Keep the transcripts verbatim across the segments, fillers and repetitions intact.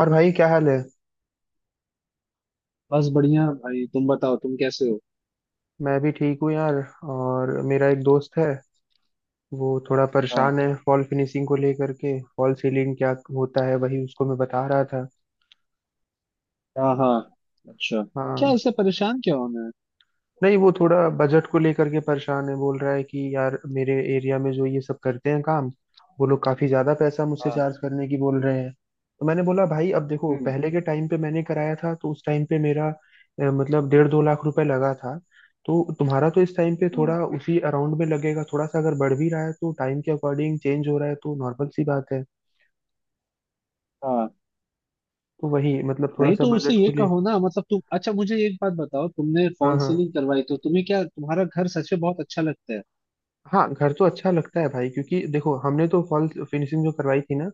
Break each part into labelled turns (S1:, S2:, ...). S1: और भाई, क्या हाल है।
S2: बस बढ़िया भाई। तुम बताओ, तुम कैसे हो?
S1: मैं भी ठीक हूँ यार। और मेरा एक दोस्त है। वो थोड़ा
S2: हाँ।
S1: परेशान है फॉल फिनिशिंग को लेकर के। फॉल सीलिंग क्या होता है वही उसको मैं बता रहा था।
S2: हाँ हाँ। अच्छा। क्या
S1: हाँ।
S2: ऐसे परेशान क्या होना है?
S1: नहीं, वो थोड़ा बजट को लेकर के परेशान है। बोल रहा है कि यार, मेरे एरिया में जो ये सब करते हैं काम, वो लोग काफी ज्यादा पैसा मुझसे
S2: हाँ।
S1: चार्ज करने की बोल रहे हैं। तो मैंने बोला भाई, अब देखो,
S2: हम्म।
S1: पहले के टाइम पे मैंने कराया था तो उस टाइम पे मेरा अ, मतलब डेढ़ दो लाख रुपए लगा था। तो तुम्हारा तो इस टाइम पे
S2: हम्म।
S1: थोड़ा उसी अराउंड में लगेगा। थोड़ा सा अगर बढ़ भी रहा है तो टाइम के अकॉर्डिंग चेंज हो रहा है, तो नॉर्मल सी बात है।
S2: हाँ।
S1: तो वही मतलब थोड़ा
S2: नहीं,
S1: सा
S2: तो उसे
S1: बजट
S2: ये
S1: को ले।
S2: कहो ना, मतलब तुम, अच्छा मुझे एक बात बताओ, तुमने
S1: हाँ
S2: फॉल
S1: हाँ।
S2: सीलिंग करवाई तो तुम्हें क्या तुम्हारा घर सच में बहुत अच्छा लगता है?
S1: हाँ, घर तो अच्छा लगता है भाई, क्योंकि देखो, हमने तो फॉल फिनिशिंग जो करवाई थी ना,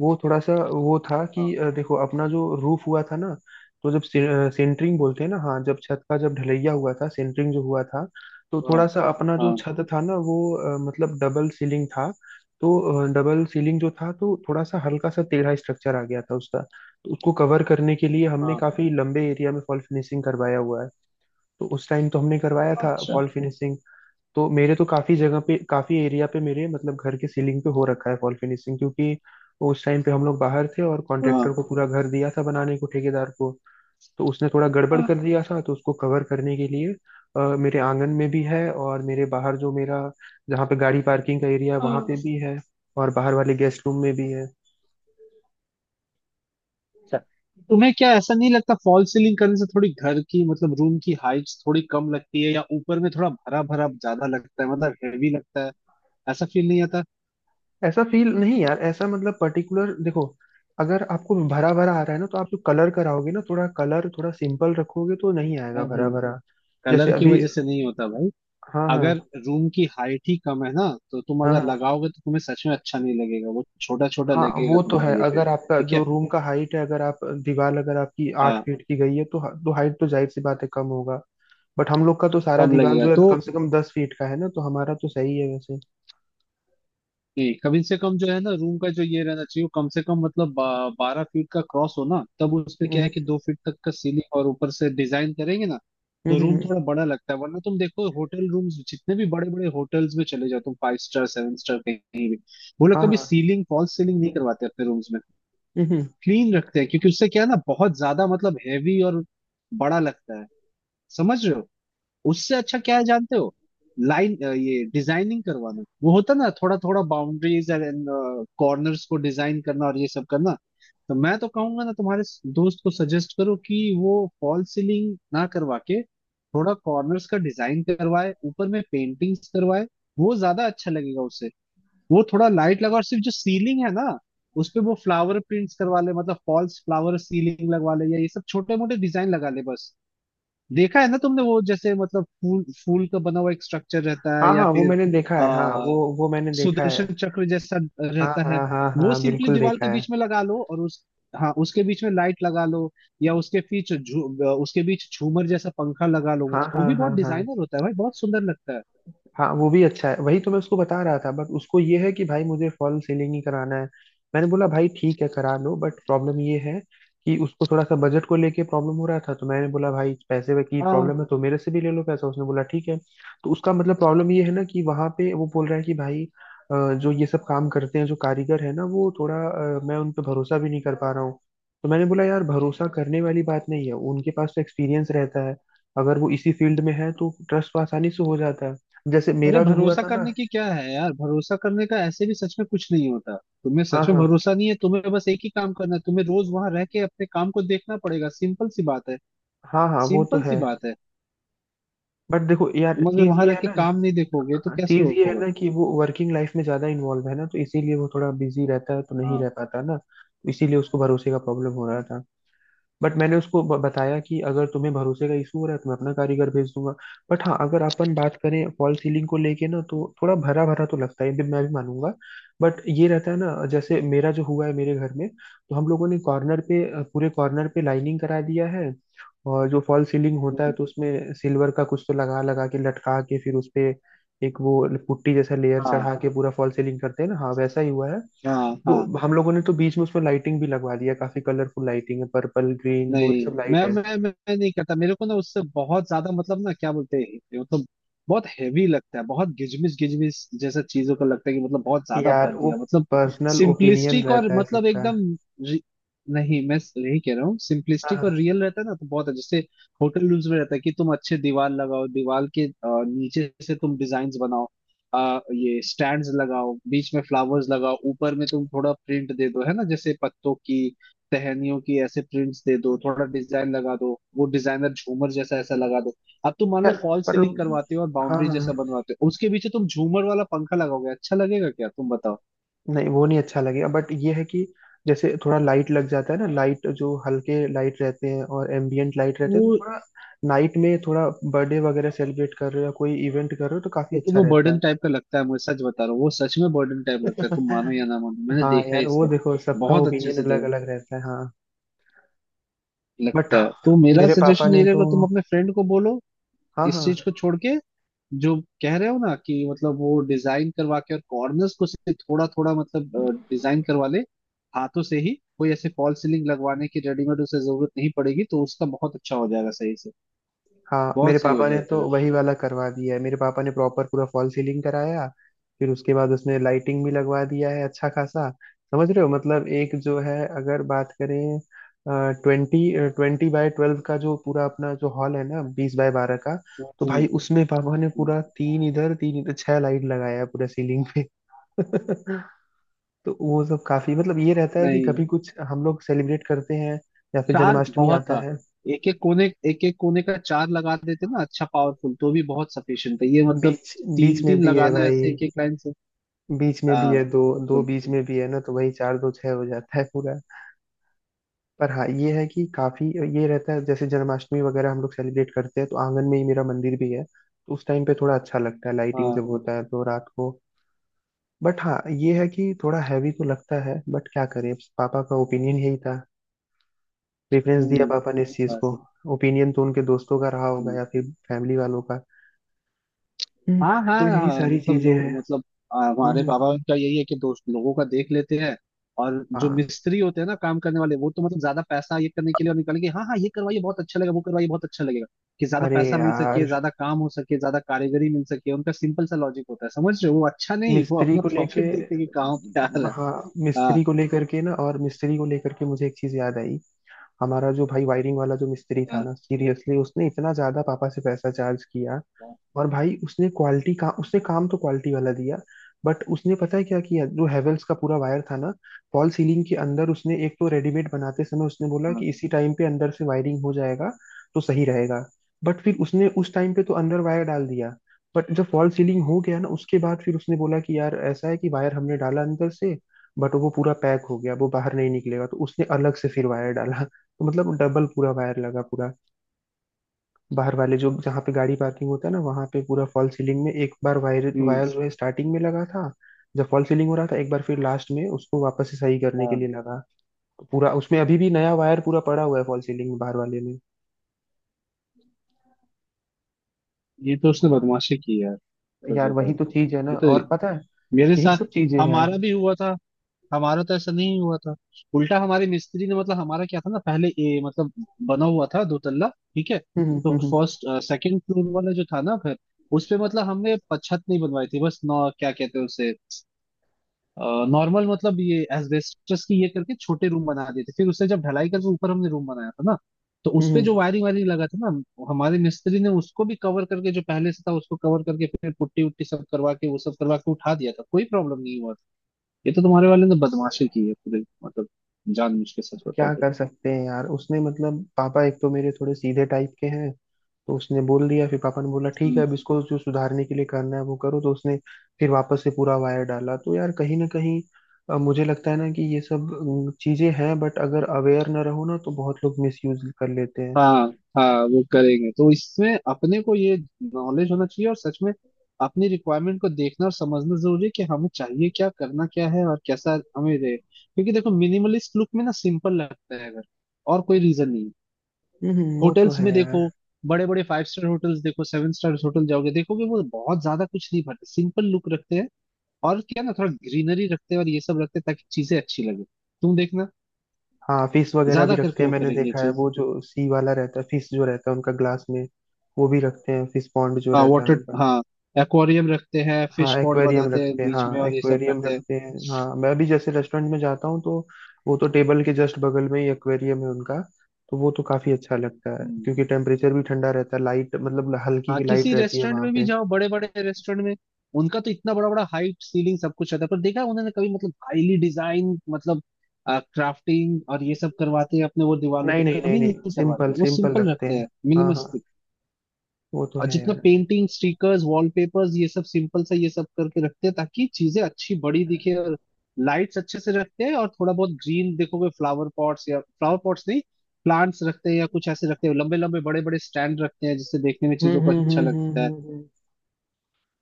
S1: वो थोड़ा सा वो था कि
S2: हाँ
S1: अ, देखो, अपना जो रूफ हुआ था ना, तो जब से अ, सेंटरिंग बोलते हैं ना, हाँ, जब छत का, जब ढलैया हुआ था, सेंटरिंग जो हुआ था, तो
S2: हाँ।
S1: थोड़ा सा अपना जो
S2: हाँ
S1: छत था ना वो, अ, मतलब डबल सीलिंग था। तो डबल सीलिंग जो था तो थोड़ा सा हल्का सा टेढ़ा स्ट्रक्चर आ गया था उसका। तो उसको कवर करने के लिए हमने
S2: हाँ।
S1: काफी लंबे एरिया में फॉल फिनिशिंग करवाया हुआ है। तो उस टाइम तो हमने करवाया था
S2: अच्छा।
S1: Fall finishing. तो मेरे तो काफी जगह पे, काफी एरिया पे, मेरे मतलब घर के सीलिंग पे हो रखा है वॉल फिनिशिंग, क्योंकि उस टाइम पे हम लोग बाहर थे और कॉन्ट्रेक्टर
S2: हाँ
S1: को पूरा घर दिया था बनाने को, ठेकेदार को। तो उसने थोड़ा गड़बड़
S2: हाँ
S1: कर दिया था, तो उसको कवर करने के लिए अ, मेरे आंगन में भी है, और मेरे बाहर जो मेरा, जहाँ पे गाड़ी पार्किंग का एरिया है वहां
S2: हाँ।
S1: पे भी है। और बाहर वाले गेस्ट रूम में भी है।
S2: अच्छा, तुम्हें क्या ऐसा नहीं लगता फॉल सीलिंग करने से थोड़ी घर की, मतलब रूम की हाइट थोड़ी कम लगती है, या ऊपर में थोड़ा भरा भरा ज्यादा लगता है, मतलब हेवी लगता है? ऐसा फील नहीं आता?
S1: ऐसा फील नहीं यार, ऐसा मतलब पर्टिकुलर देखो, अगर आपको भरा भरा आ रहा है ना, तो आप जो कलर कराओगे ना, थोड़ा कलर थोड़ा सिंपल रखोगे तो नहीं आएगा
S2: नहीं,
S1: भरा भरा। जैसे
S2: कलर की
S1: अभी।
S2: वजह से नहीं होता भाई।
S1: हाँ हाँ।
S2: अगर रूम की हाइट ही कम है ना, तो तुम
S1: हाँ,
S2: अगर
S1: हाँ
S2: लगाओगे तो तुम्हें सच में अच्छा नहीं लगेगा, वो छोटा छोटा
S1: हाँ
S2: लगेगा
S1: वो तो है।
S2: तुम्हारे ये पे।
S1: अगर आपका
S2: ठीक
S1: जो
S2: है।
S1: रूम का हाइट है, अगर आप दीवार अगर आपकी आठ
S2: हाँ,
S1: फीट की गई है, तो तो हाइट तो जाहिर सी बात है कम होगा। बट हम लोग का तो सारा
S2: कम
S1: दीवार
S2: लगेगा
S1: जो है
S2: तो।
S1: कम से कम दस फीट का है ना, तो हमारा तो सही है वैसे।
S2: नहीं, कम से कम जो है ना रूम का, जो ये रहना चाहिए वो कम से कम मतलब बा, बारह फीट का क्रॉस हो ना, तब उस पे क्या है
S1: हम्म।
S2: कि दो फीट तक का सीलिंग और ऊपर से डिजाइन करेंगे ना।
S1: हम्म,
S2: तो रूम
S1: हम्म।
S2: थोड़ा बड़ा लगता है। वरना तुम देखो होटल रूम्स, जितने भी बड़े बड़े होटल्स में चले जाओ तुम, फाइव स्टार, सेवन स्टार, कहीं भी, वो लोग
S1: हाँ
S2: कभी
S1: हाँ।
S2: सीलिंग, फॉल्स सीलिंग नहीं करवाते अपने रूम्स में।
S1: हम्म, हम्म।
S2: क्लीन रखते हैं, क्योंकि उससे क्या है ना, बहुत ज्यादा मतलब हैवी और बड़ा लगता है। समझ रहे हो? उससे अच्छा क्या है जानते हो, लाइन ये डिजाइनिंग करवाना, वो होता ना थोड़ा थोड़ा, बाउंड्रीज एंड कॉर्नर्स को डिजाइन करना और ये सब करना। तो मैं तो कहूंगा ना, तुम्हारे स- दोस्त को सजेस्ट करो कि वो फॉल सीलिंग ना करवा के थोड़ा कॉर्नर्स का डिजाइन करवाए, ऊपर में पेंटिंग्स करवाए, वो ज्यादा अच्छा लगेगा उसे। वो थोड़ा लाइट लगा, और सिर्फ जो सीलिंग है ना उस पे वो फ्लावर प्रिंट्स करवा ले, मतलब फॉल्स फ्लावर सीलिंग लगवा ले, या ये सब छोटे मोटे डिजाइन लगा ले बस। देखा है ना तुमने, वो जैसे मतलब फूल फूल का बना हुआ एक स्ट्रक्चर रहता है,
S1: हाँ
S2: या
S1: हाँ, वो
S2: फिर
S1: मैंने देखा है। हाँ,
S2: आ,
S1: वो वो मैंने देखा है।
S2: सुदर्शन चक्र जैसा
S1: हाँ
S2: रहता है।
S1: हाँ हाँ
S2: वो
S1: हाँ,
S2: सिंपली
S1: बिल्कुल
S2: दीवार
S1: देखा
S2: के
S1: है।
S2: बीच में लगा लो, और उस, हाँ उसके बीच में लाइट लगा लो, या उसके बीच झू- उसके बीच झूमर जैसा पंखा लगा लो।
S1: हाँ
S2: वो
S1: हाँ
S2: भी
S1: हाँ
S2: बहुत
S1: हाँ।
S2: डिजाइनर होता है भाई, बहुत सुंदर लगता है।
S1: हाँ, वो भी अच्छा है। वही तो मैं उसको बता रहा था, बट उसको ये है कि भाई, मुझे फॉल सीलिंग ही कराना है। मैंने बोला भाई, ठीक है, करा लो, बट प्रॉब्लम ये है कि उसको थोड़ा सा बजट को लेके प्रॉब्लम हो रहा था। तो मैंने बोला भाई, पैसे की
S2: हाँ।
S1: प्रॉब्लम है तो मेरे से भी ले लो पैसा। उसने बोला ठीक है। तो उसका मतलब प्रॉब्लम ये है ना कि वहां पे वो बोल रहा है कि भाई, अ, जो ये सब काम करते हैं, जो कारीगर है ना, वो थोड़ा अ, मैं उन पे भरोसा भी नहीं कर पा रहा हूँ। तो मैंने बोला यार, भरोसा करने वाली बात नहीं है, उनके पास तो एक्सपीरियंस रहता है। अगर वो इसी फील्ड में है तो ट्रस्ट तो आसानी से हो जाता है। जैसे
S2: अरे
S1: मेरा जो हुआ
S2: भरोसा
S1: था ना।
S2: करने की क्या है यार, भरोसा करने का ऐसे भी सच में कुछ नहीं होता। तुम्हें
S1: हाँ
S2: सच में
S1: हाँ।
S2: भरोसा नहीं है, तुम्हें बस एक ही काम करना है, तुम्हें रोज वहां रह के अपने काम को देखना पड़ेगा। सिंपल सी बात है।
S1: हाँ हाँ, वो तो
S2: सिंपल
S1: है।
S2: सी बात है।
S1: बट देखो यार,
S2: तुम अगर
S1: चीज
S2: वहां रह
S1: ये है
S2: के
S1: ना,
S2: काम नहीं देखोगे तो कैसे
S1: चीज ये है
S2: होगा?
S1: ना कि वो वर्किंग लाइफ में ज्यादा इन्वॉल्व है ना, तो इसीलिए वो थोड़ा बिजी रहता है, तो नहीं
S2: हाँ।
S1: रह पाता ना। इसीलिए उसको भरोसे का प्रॉब्लम हो रहा था। बट मैंने उसको ब- बताया कि अगर तुम्हें भरोसे का इशू हो रहा है तो मैं अपना कारीगर भेज दूंगा। बट हाँ, अगर अपन बात करें फॉल सीलिंग को लेके ना, तो थोड़ा भरा भरा तो लगता है, ये भी मैं भी मानूंगा। बट ये रहता है ना, जैसे मेरा जो हुआ है मेरे घर में, तो हम लोगों ने कॉर्नर पे, अ, पूरे कॉर्नर पे लाइनिंग करा दिया है। और जो फॉल सीलिंग होता है
S2: हम्म।
S1: तो उसमें सिल्वर का कुछ तो लगा लगा के, लटका के, फिर उस पे एक वो पुट्टी जैसा लेयर
S2: हाँ
S1: चढ़ा के पूरा फॉल सीलिंग करते हैं ना, हाँ, वैसा ही हुआ है।
S2: हाँ
S1: तो
S2: हाँ।
S1: हम लोगों ने तो बीच में उसमें लाइटिंग भी लगवा दिया, काफी कलरफुल लाइटिंग है। पर्पल, ग्रीन, ब्लू,
S2: नहीं,
S1: ये सब लाइट
S2: मैं
S1: है।
S2: मैं मैं मैं नहीं करता। मेरे को ना उससे बहुत ज्यादा मतलब, ना क्या बोलते हैं, मतलब बहुत हैवी लगता है, बहुत गिजमिस गिजमिस जैसा चीजों का लगता है कि, मतलब बहुत ज्यादा
S1: यार,
S2: भर
S1: वो
S2: दिया मतलब।
S1: पर्सनल ओपिनियन
S2: सिंपलिस्टिक और
S1: रहता है
S2: मतलब
S1: सबका।
S2: एकदम, रि- नहीं, मैं यही कह रहा हूँ
S1: हाँ
S2: सिंपलिस्टिक और
S1: हाँ।
S2: रियल रहता है ना, तो बहुत है। जैसे होटल रूम्स में रहता है कि तुम अच्छे दीवार लगाओ, दीवार के अ, नीचे से तुम डिजाइन बनाओ, अ, ये स्टैंड्स लगाओ, बीच में फ्लावर्स लगाओ, ऊपर में तुम थोड़ा प्रिंट दे दो, है ना, जैसे पत्तों की, टहनियों की ऐसे प्रिंट्स दे दो, थोड़ा डिजाइन लगा दो, वो डिजाइनर झूमर जैसा ऐसा लगा दो। अब तुम मान लो
S1: यार,
S2: फॉल्स
S1: पर।
S2: सीलिंग करवाते हो और
S1: हाँ
S2: बाउंड्री
S1: हाँ।
S2: जैसा बनवाते हो, उसके पीछे तुम झूमर वाला पंखा लगाओगे, अच्छा लगेगा क्या तुम बताओ?
S1: नहीं, वो नहीं अच्छा लगेगा, बट ये है कि जैसे थोड़ा लाइट लग जाता है ना, लाइट जो हल्के लाइट रहते हैं और एम्बियंट लाइट रहते
S2: वो,
S1: हैं तो थोड़ा नाइट में, थोड़ा बर्थडे वगैरह सेलिब्रेट कर रहे हो या कोई इवेंट कर रहे हो, तो काफी
S2: लेकिन
S1: अच्छा
S2: वो
S1: रहता
S2: बर्डन
S1: है।
S2: टाइप का लगता है मुझे, सच बता रहा हूँ, वो सच में बर्डन टाइप लगता है। तुम मानो या ना मानो, मैंने
S1: हाँ
S2: देखा है
S1: यार, वो
S2: इसको
S1: देखो, सबका
S2: बहुत अच्छे
S1: ओपिनियन
S2: से।
S1: अलग
S2: देखो,
S1: अलग रहता है, हाँ। बट
S2: लगता है तो मेरा
S1: मेरे पापा
S2: सजेशन ये
S1: ने तो,
S2: रहेगा, तुम अपने फ्रेंड को बोलो
S1: हाँ
S2: इस चीज
S1: हाँ,
S2: को छोड़ के, जो कह रहे हो ना कि मतलब वो डिजाइन करवा के, और कॉर्नर्स को से थोड़ा थोड़ा मतलब डिजाइन करवा ले, हाथों से ही। कोई ऐसे फॉल्स सीलिंग लगवाने की, रेडीमेड उसे जरूरत नहीं पड़ेगी, तो उसका बहुत अच्छा हो जाएगा सही से।
S1: हाँ, मेरे
S2: बहुत सही हो
S1: पापा ने तो
S2: जाएगा।
S1: वही वाला करवा दिया है। मेरे पापा ने प्रॉपर पूरा फॉल सीलिंग कराया, फिर उसके बाद उसने लाइटिंग भी लगवा दिया है अच्छा खासा। समझ रहे हो? मतलब एक जो है, अगर बात करें ट्वेंटी ट्वेंटी बाय ट्वेल्व का, जो पूरा अपना जो हॉल है ना, बीस बाय बारह का, तो
S2: हम्म।
S1: भाई उसमें पापा ने
S2: हम्म।
S1: पूरा तीन इधर तीन इधर छह लाइट लगाया है, पूरा सीलिंग पे। तो वो सब काफी मतलब ये रहता है कि
S2: नहीं,
S1: कभी कुछ हम लोग सेलिब्रेट करते हैं, या फिर
S2: चार
S1: जन्माष्टमी
S2: बहुत
S1: आता
S2: था।
S1: है।
S2: एक एक कोने, एक एक कोने का चार लगा देते ना, अच्छा पावरफुल तो भी बहुत सफिशियंट है ये, मतलब
S1: बीच।
S2: तीन
S1: बीच में
S2: तीन
S1: भी है
S2: लगाना
S1: भाई।
S2: ऐसे एक एक लाइन से।
S1: बीच में भी
S2: हाँ।
S1: है दो, दो
S2: मतलब।
S1: बीच में भी है ना, तो वही चार दो छह हो जाता है पूरा। पर हाँ, ये है कि काफी, ये रहता है जैसे जन्माष्टमी वगैरह हम लोग सेलिब्रेट करते हैं तो आंगन में ही मेरा मंदिर भी है, तो उस टाइम पे थोड़ा अच्छा लगता है, लाइटिंग
S2: हाँ।
S1: जब होता है तो रात को। बट हाँ, ये है कि थोड़ा हैवी तो लगता है, बट क्या करें, पापा का ओपिनियन यही था। प्रेफरेंस दिया
S2: हम्म।
S1: पापा ने इस
S2: वही
S1: चीज
S2: बात
S1: को।
S2: है।
S1: ओपिनियन तो उनके दोस्तों का रहा होगा,
S2: हम्म।
S1: या फिर फैमिली वालों का। हम्म।
S2: हाँ हाँ
S1: तो यही
S2: हाँ,
S1: सारी
S2: मतलब
S1: चीजें हैं।
S2: लोग, मतलब आ,
S1: हम्म,
S2: हमारे
S1: हम्म।
S2: पापा का यही है कि दोस्त लोगों का देख लेते हैं, और जो
S1: हाँ।
S2: मिस्त्री होते हैं ना काम करने वाले, वो तो मतलब ज्यादा पैसा ये करने के लिए और निकालेंगे। हाँ हाँ, ये करवाइए बहुत अच्छा लगेगा, वो करवाइए बहुत अच्छा लगेगा, कि ज्यादा
S1: अरे
S2: पैसा मिल सके,
S1: यार,
S2: ज्यादा काम हो सके, ज्यादा कारीगरी मिल सके। उनका सिंपल सा लॉजिक होता है, समझ रहे हो, वो अच्छा नहीं, वो
S1: मिस्त्री
S2: अपना
S1: को लेके,
S2: प्रॉफिट देखते हैं कि कहाँ पे आ रहा है।
S1: हाँ,
S2: हाँ
S1: मिस्त्री को लेकर के ना, और मिस्त्री को लेकर के मुझे एक चीज याद आई। हमारा जो भाई वायरिंग वाला जो मिस्त्री था
S2: हाँ।
S1: ना, सीरियसली उसने इतना ज्यादा पापा से पैसा चार्ज किया।
S2: हाँ
S1: और भाई उसने क्वालिटी का, उसने काम तो क्वालिटी वाला दिया, बट उसने पता है क्या किया? जो हेवेल्स का पूरा वायर था ना, फॉल सीलिंग के अंदर उसने एक तो रेडीमेड बनाते समय उसने बोला
S2: हाँ।
S1: कि इसी टाइम पे अंदर से वायरिंग हो जाएगा तो सही रहेगा। बट फिर उसने उस टाइम पे तो अंदर वायर डाल दिया, बट जब फॉल सीलिंग हो गया ना, उसके बाद फिर उसने बोला कि यार ऐसा है कि वायर हमने डाला अंदर से, बट वो पूरा पैक हो गया, वो बाहर नहीं निकलेगा। तो उसने अलग से फिर वायर डाला, तो मतलब डबल पूरा वायर लगा पूरा। बाहर वाले जो, जहाँ पे गाड़ी पार्किंग होता है ना, वहां पे पूरा फॉल सीलिंग में एक बार वायर,
S2: हम्म।
S1: वायर जो है स्टार्टिंग में लगा था जब फॉल सीलिंग हो रहा था, एक बार फिर लास्ट में उसको वापस से सही करने के
S2: हाँ।
S1: लिए लगा। तो पूरा उसमें अभी भी नया वायर पूरा पड़ा हुआ है फॉल सीलिंग में, बाहर वाले में।
S2: ये तो उसने बदमाशी की है, सच
S1: यार,
S2: बताऊं
S1: वही तो
S2: तो।
S1: चीज है ना,
S2: ये
S1: और
S2: तो
S1: पता है,
S2: मेरे
S1: यही
S2: साथ,
S1: सब चीजें हैं।
S2: हमारा भी हुआ था। हमारा तो ऐसा नहीं हुआ था। उल्टा हमारे मिस्त्री ने, मतलब हमारा क्या था ना, पहले ए, मतलब बना हुआ था दो तल्ला। ठीक है।
S1: हम्म,
S2: तो
S1: हम्म, हम्म,
S2: फर्स्ट, सेकंड फ्लोर वाला जो था ना घर, उस पे मतलब हमने प- छत नहीं बनवाई थी बस, नौ, क्या कहते हैं उसे, नॉर्मल मतलब, ये एस्बेस्टस की ये करके छोटे रूम बना दिए थे। फिर उससे जब ढलाई करके ऊपर हमने रूम बनाया था ना, तो उस पे जो
S1: हम्म।
S2: वायरिंग वायरिंग लगा था ना, हमारे मिस्त्री ने उसको भी कवर करके, जो पहले से था उसको कवर करके, फिर पुट्टी उट्टी सब करवा के, वो सब करवा के उठा दिया था, कोई प्रॉब्लम नहीं हुआ था। ये तो तुम्हारे वाले ने बदमाशी की है पूरे, मतलब जानबूझ के, सच बताओ
S1: क्या
S2: तो।
S1: कर सकते हैं यार, उसने मतलब, पापा एक तो मेरे थोड़े सीधे टाइप के हैं, तो उसने बोल दिया, फिर पापा ने बोला ठीक है,
S2: हम्म।
S1: अब इसको जो सुधारने के लिए करना है वो करो। तो उसने फिर वापस से पूरा वायर डाला। तो यार, कहीं ना कहीं अ, मुझे लगता है ना कि ये सब अम, चीजें हैं, बट अगर अवेयर ना रहो ना, तो बहुत लोग मिसयूज कर लेते हैं।
S2: हाँ हाँ, वो करेंगे तो इसमें अपने को ये नॉलेज होना चाहिए, और सच में अपनी रिक्वायरमेंट को देखना और समझना जरूरी है कि हमें चाहिए क्या, करना क्या है और कैसा हमें रहे। क्योंकि देखो मिनिमलिस्ट लुक में ना सिंपल लगता है, अगर और कोई रीजन नहीं है।
S1: हम्म, हम्म, वो तो
S2: होटल्स
S1: है
S2: में
S1: यार।
S2: देखो, बड़े बड़े फाइव स्टार होटल्स देखो, सेवन स्टार होटल जाओगे देखोगे, वो बहुत ज्यादा कुछ नहीं भरते, सिंपल लुक रखते हैं। और क्या ना, थोड़ा ग्रीनरी रखते हैं और ये सब रखते हैं ताकि चीजें अच्छी लगे। तुम देखना,
S1: हाँ, फिश वगैरह भी
S2: ज्यादा
S1: रखते
S2: करके
S1: हैं,
S2: वो
S1: मैंने
S2: करेंगे ये
S1: देखा है।
S2: चीज।
S1: वो जो सी वाला रहता है, फिश जो रहता है उनका ग्लास में, वो भी रखते हैं, फिश पॉन्ड जो
S2: हाँ
S1: रहता है
S2: वाटर,
S1: उनका।
S2: हाँ एक्वेरियम रखते हैं, फिश
S1: हाँ,
S2: पॉन्ड
S1: एक्वेरियम
S2: बनाते हैं
S1: रखते हैं,
S2: बीच में
S1: हाँ
S2: और ये सब
S1: एक्वेरियम
S2: करते हैं।
S1: रखते हैं, हाँ, मैं भी जैसे रेस्टोरेंट में जाता हूँ तो वो तो टेबल के जस्ट बगल में ही एक्वेरियम है उनका। तो वो तो काफी अच्छा लगता है,
S2: हम्म।
S1: क्योंकि टेम्परेचर भी ठंडा रहता है, लाइट मतलब हल्की
S2: हाँ,
S1: की लाइट
S2: किसी
S1: रहती है
S2: रेस्टोरेंट
S1: वहां
S2: में भी
S1: पे।
S2: जाओ, बड़े बड़े रेस्टोरेंट में, उनका तो इतना बड़ा बड़ा हाइट, सीलिंग सब कुछ रहता है, पर देखा है उन्होंने कभी मतलब हाईली डिजाइन, मतलब क्राफ्टिंग और ये सब करवाते हैं अपने वो दीवारों पे?
S1: नहीं नहीं नहीं
S2: कभी
S1: नहीं,
S2: नहीं
S1: सिंपल
S2: करवाते, वो
S1: सिंपल
S2: सिंपल
S1: रखते
S2: रखते
S1: हैं।
S2: हैं,
S1: हाँ हाँ,
S2: मिनिमलिस्टिक।
S1: वो तो
S2: और
S1: है
S2: जितना
S1: यार।
S2: पेंटिंग, स्टिकर्स, वॉलपेपर्स, ये सब सिंपल सा ये सब करके रखते हैं ताकि चीजें अच्छी बड़ी दिखे, और लाइट्स अच्छे से रखते हैं, और थोड़ा बहुत ग्रीन देखोगे, फ्लावर पॉट्स, या फ्लावर पॉट्स नहीं, प्लांट्स रखते हैं या कुछ ऐसे रखते हैं, लंबे लंबे बड़े बड़े स्टैंड रखते हैं, जिससे देखने में
S1: हम्म,
S2: चीजों को
S1: हम्म,
S2: अच्छा
S1: हम्म, हम्म,
S2: लगता है।
S1: हम्म, हम्म।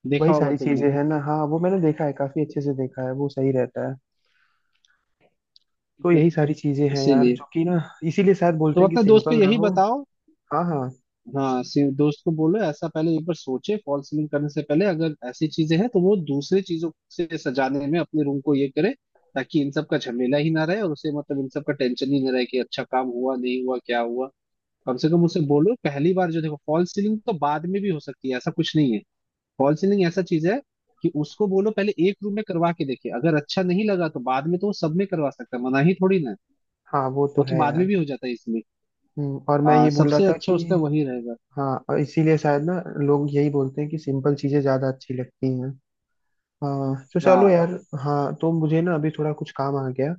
S2: देखा
S1: वही
S2: होगा
S1: सारी
S2: तुमने।
S1: चीजें हैं ना, हाँ, वो मैंने देखा है, काफी अच्छे से देखा है, वो सही रहता है। तो यही सारी चीजें हैं यार,
S2: इसीलिए।
S1: जो कि ना, इसीलिए शायद बोलते
S2: तो
S1: हैं कि
S2: अपने दोस्त को
S1: सिंपल
S2: यही
S1: रहो।
S2: बताओ।
S1: हाँ हाँ
S2: हाँ, सी- दोस्त को बोलो, ऐसा पहले एक बार सोचे फॉल सीलिंग करने से पहले, अगर ऐसी चीजें हैं तो वो दूसरे चीजों से सजाने में अपने रूम को ये करे, ताकि इन सब का झमेला ही ना रहे, और उसे मतलब इन सब का टेंशन ही ना रहे कि अच्छा काम हुआ, नहीं हुआ, क्या हुआ। कम से कम उसे बोलो, पहली बार जो, देखो फॉल सीलिंग तो बाद में भी हो सकती है, ऐसा कुछ नहीं है। फॉल सीलिंग ऐसा चीज है कि उसको बोलो पहले एक रूम में करवा के देखे, अगर अच्छा नहीं लगा तो बाद में तो वो सब में करवा सकता है, मना ही थोड़ी ना है।
S1: हाँ, वो तो
S2: वो तो
S1: है
S2: बाद में
S1: यार।
S2: भी हो जाता है इसमें।
S1: हम्म, और मैं
S2: हाँ,
S1: ये बोल रहा
S2: सबसे
S1: था
S2: अच्छा
S1: कि
S2: उसका वही रहेगा।
S1: हाँ, और इसीलिए शायद ना लोग यही बोलते हैं कि सिंपल चीजें ज्यादा अच्छी लगती हैं। हाँ, तो चलो
S2: हाँ।
S1: यार। हाँ, तो मुझे ना अभी थोड़ा कुछ काम आ गया,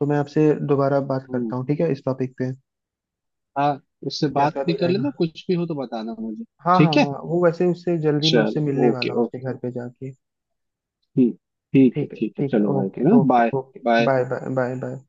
S1: तो मैं आपसे दोबारा बात
S2: हम्म।
S1: करता हूँ ठीक है, इस टॉपिक पे,
S2: हाँ। उससे बात
S1: जैसा
S2: भी
S1: भी
S2: कर लेना,
S1: रहेगा।
S2: कुछ भी हो तो बताना मुझे।
S1: हाँ
S2: ठीक
S1: हाँ
S2: है,
S1: हाँ, वो वैसे उससे जल्दी, मैं उससे
S2: चलो
S1: मिलने
S2: ओके
S1: वाला हूँ, उसके
S2: ओके।
S1: घर पे जाके।
S2: ठीक। ठीक है
S1: ठीक है
S2: ठीक है,
S1: ठीक है,
S2: चलो भाई
S1: ओके
S2: फिर
S1: okay
S2: bye.
S1: Okay.
S2: Bye.
S1: Bye bye bye bye.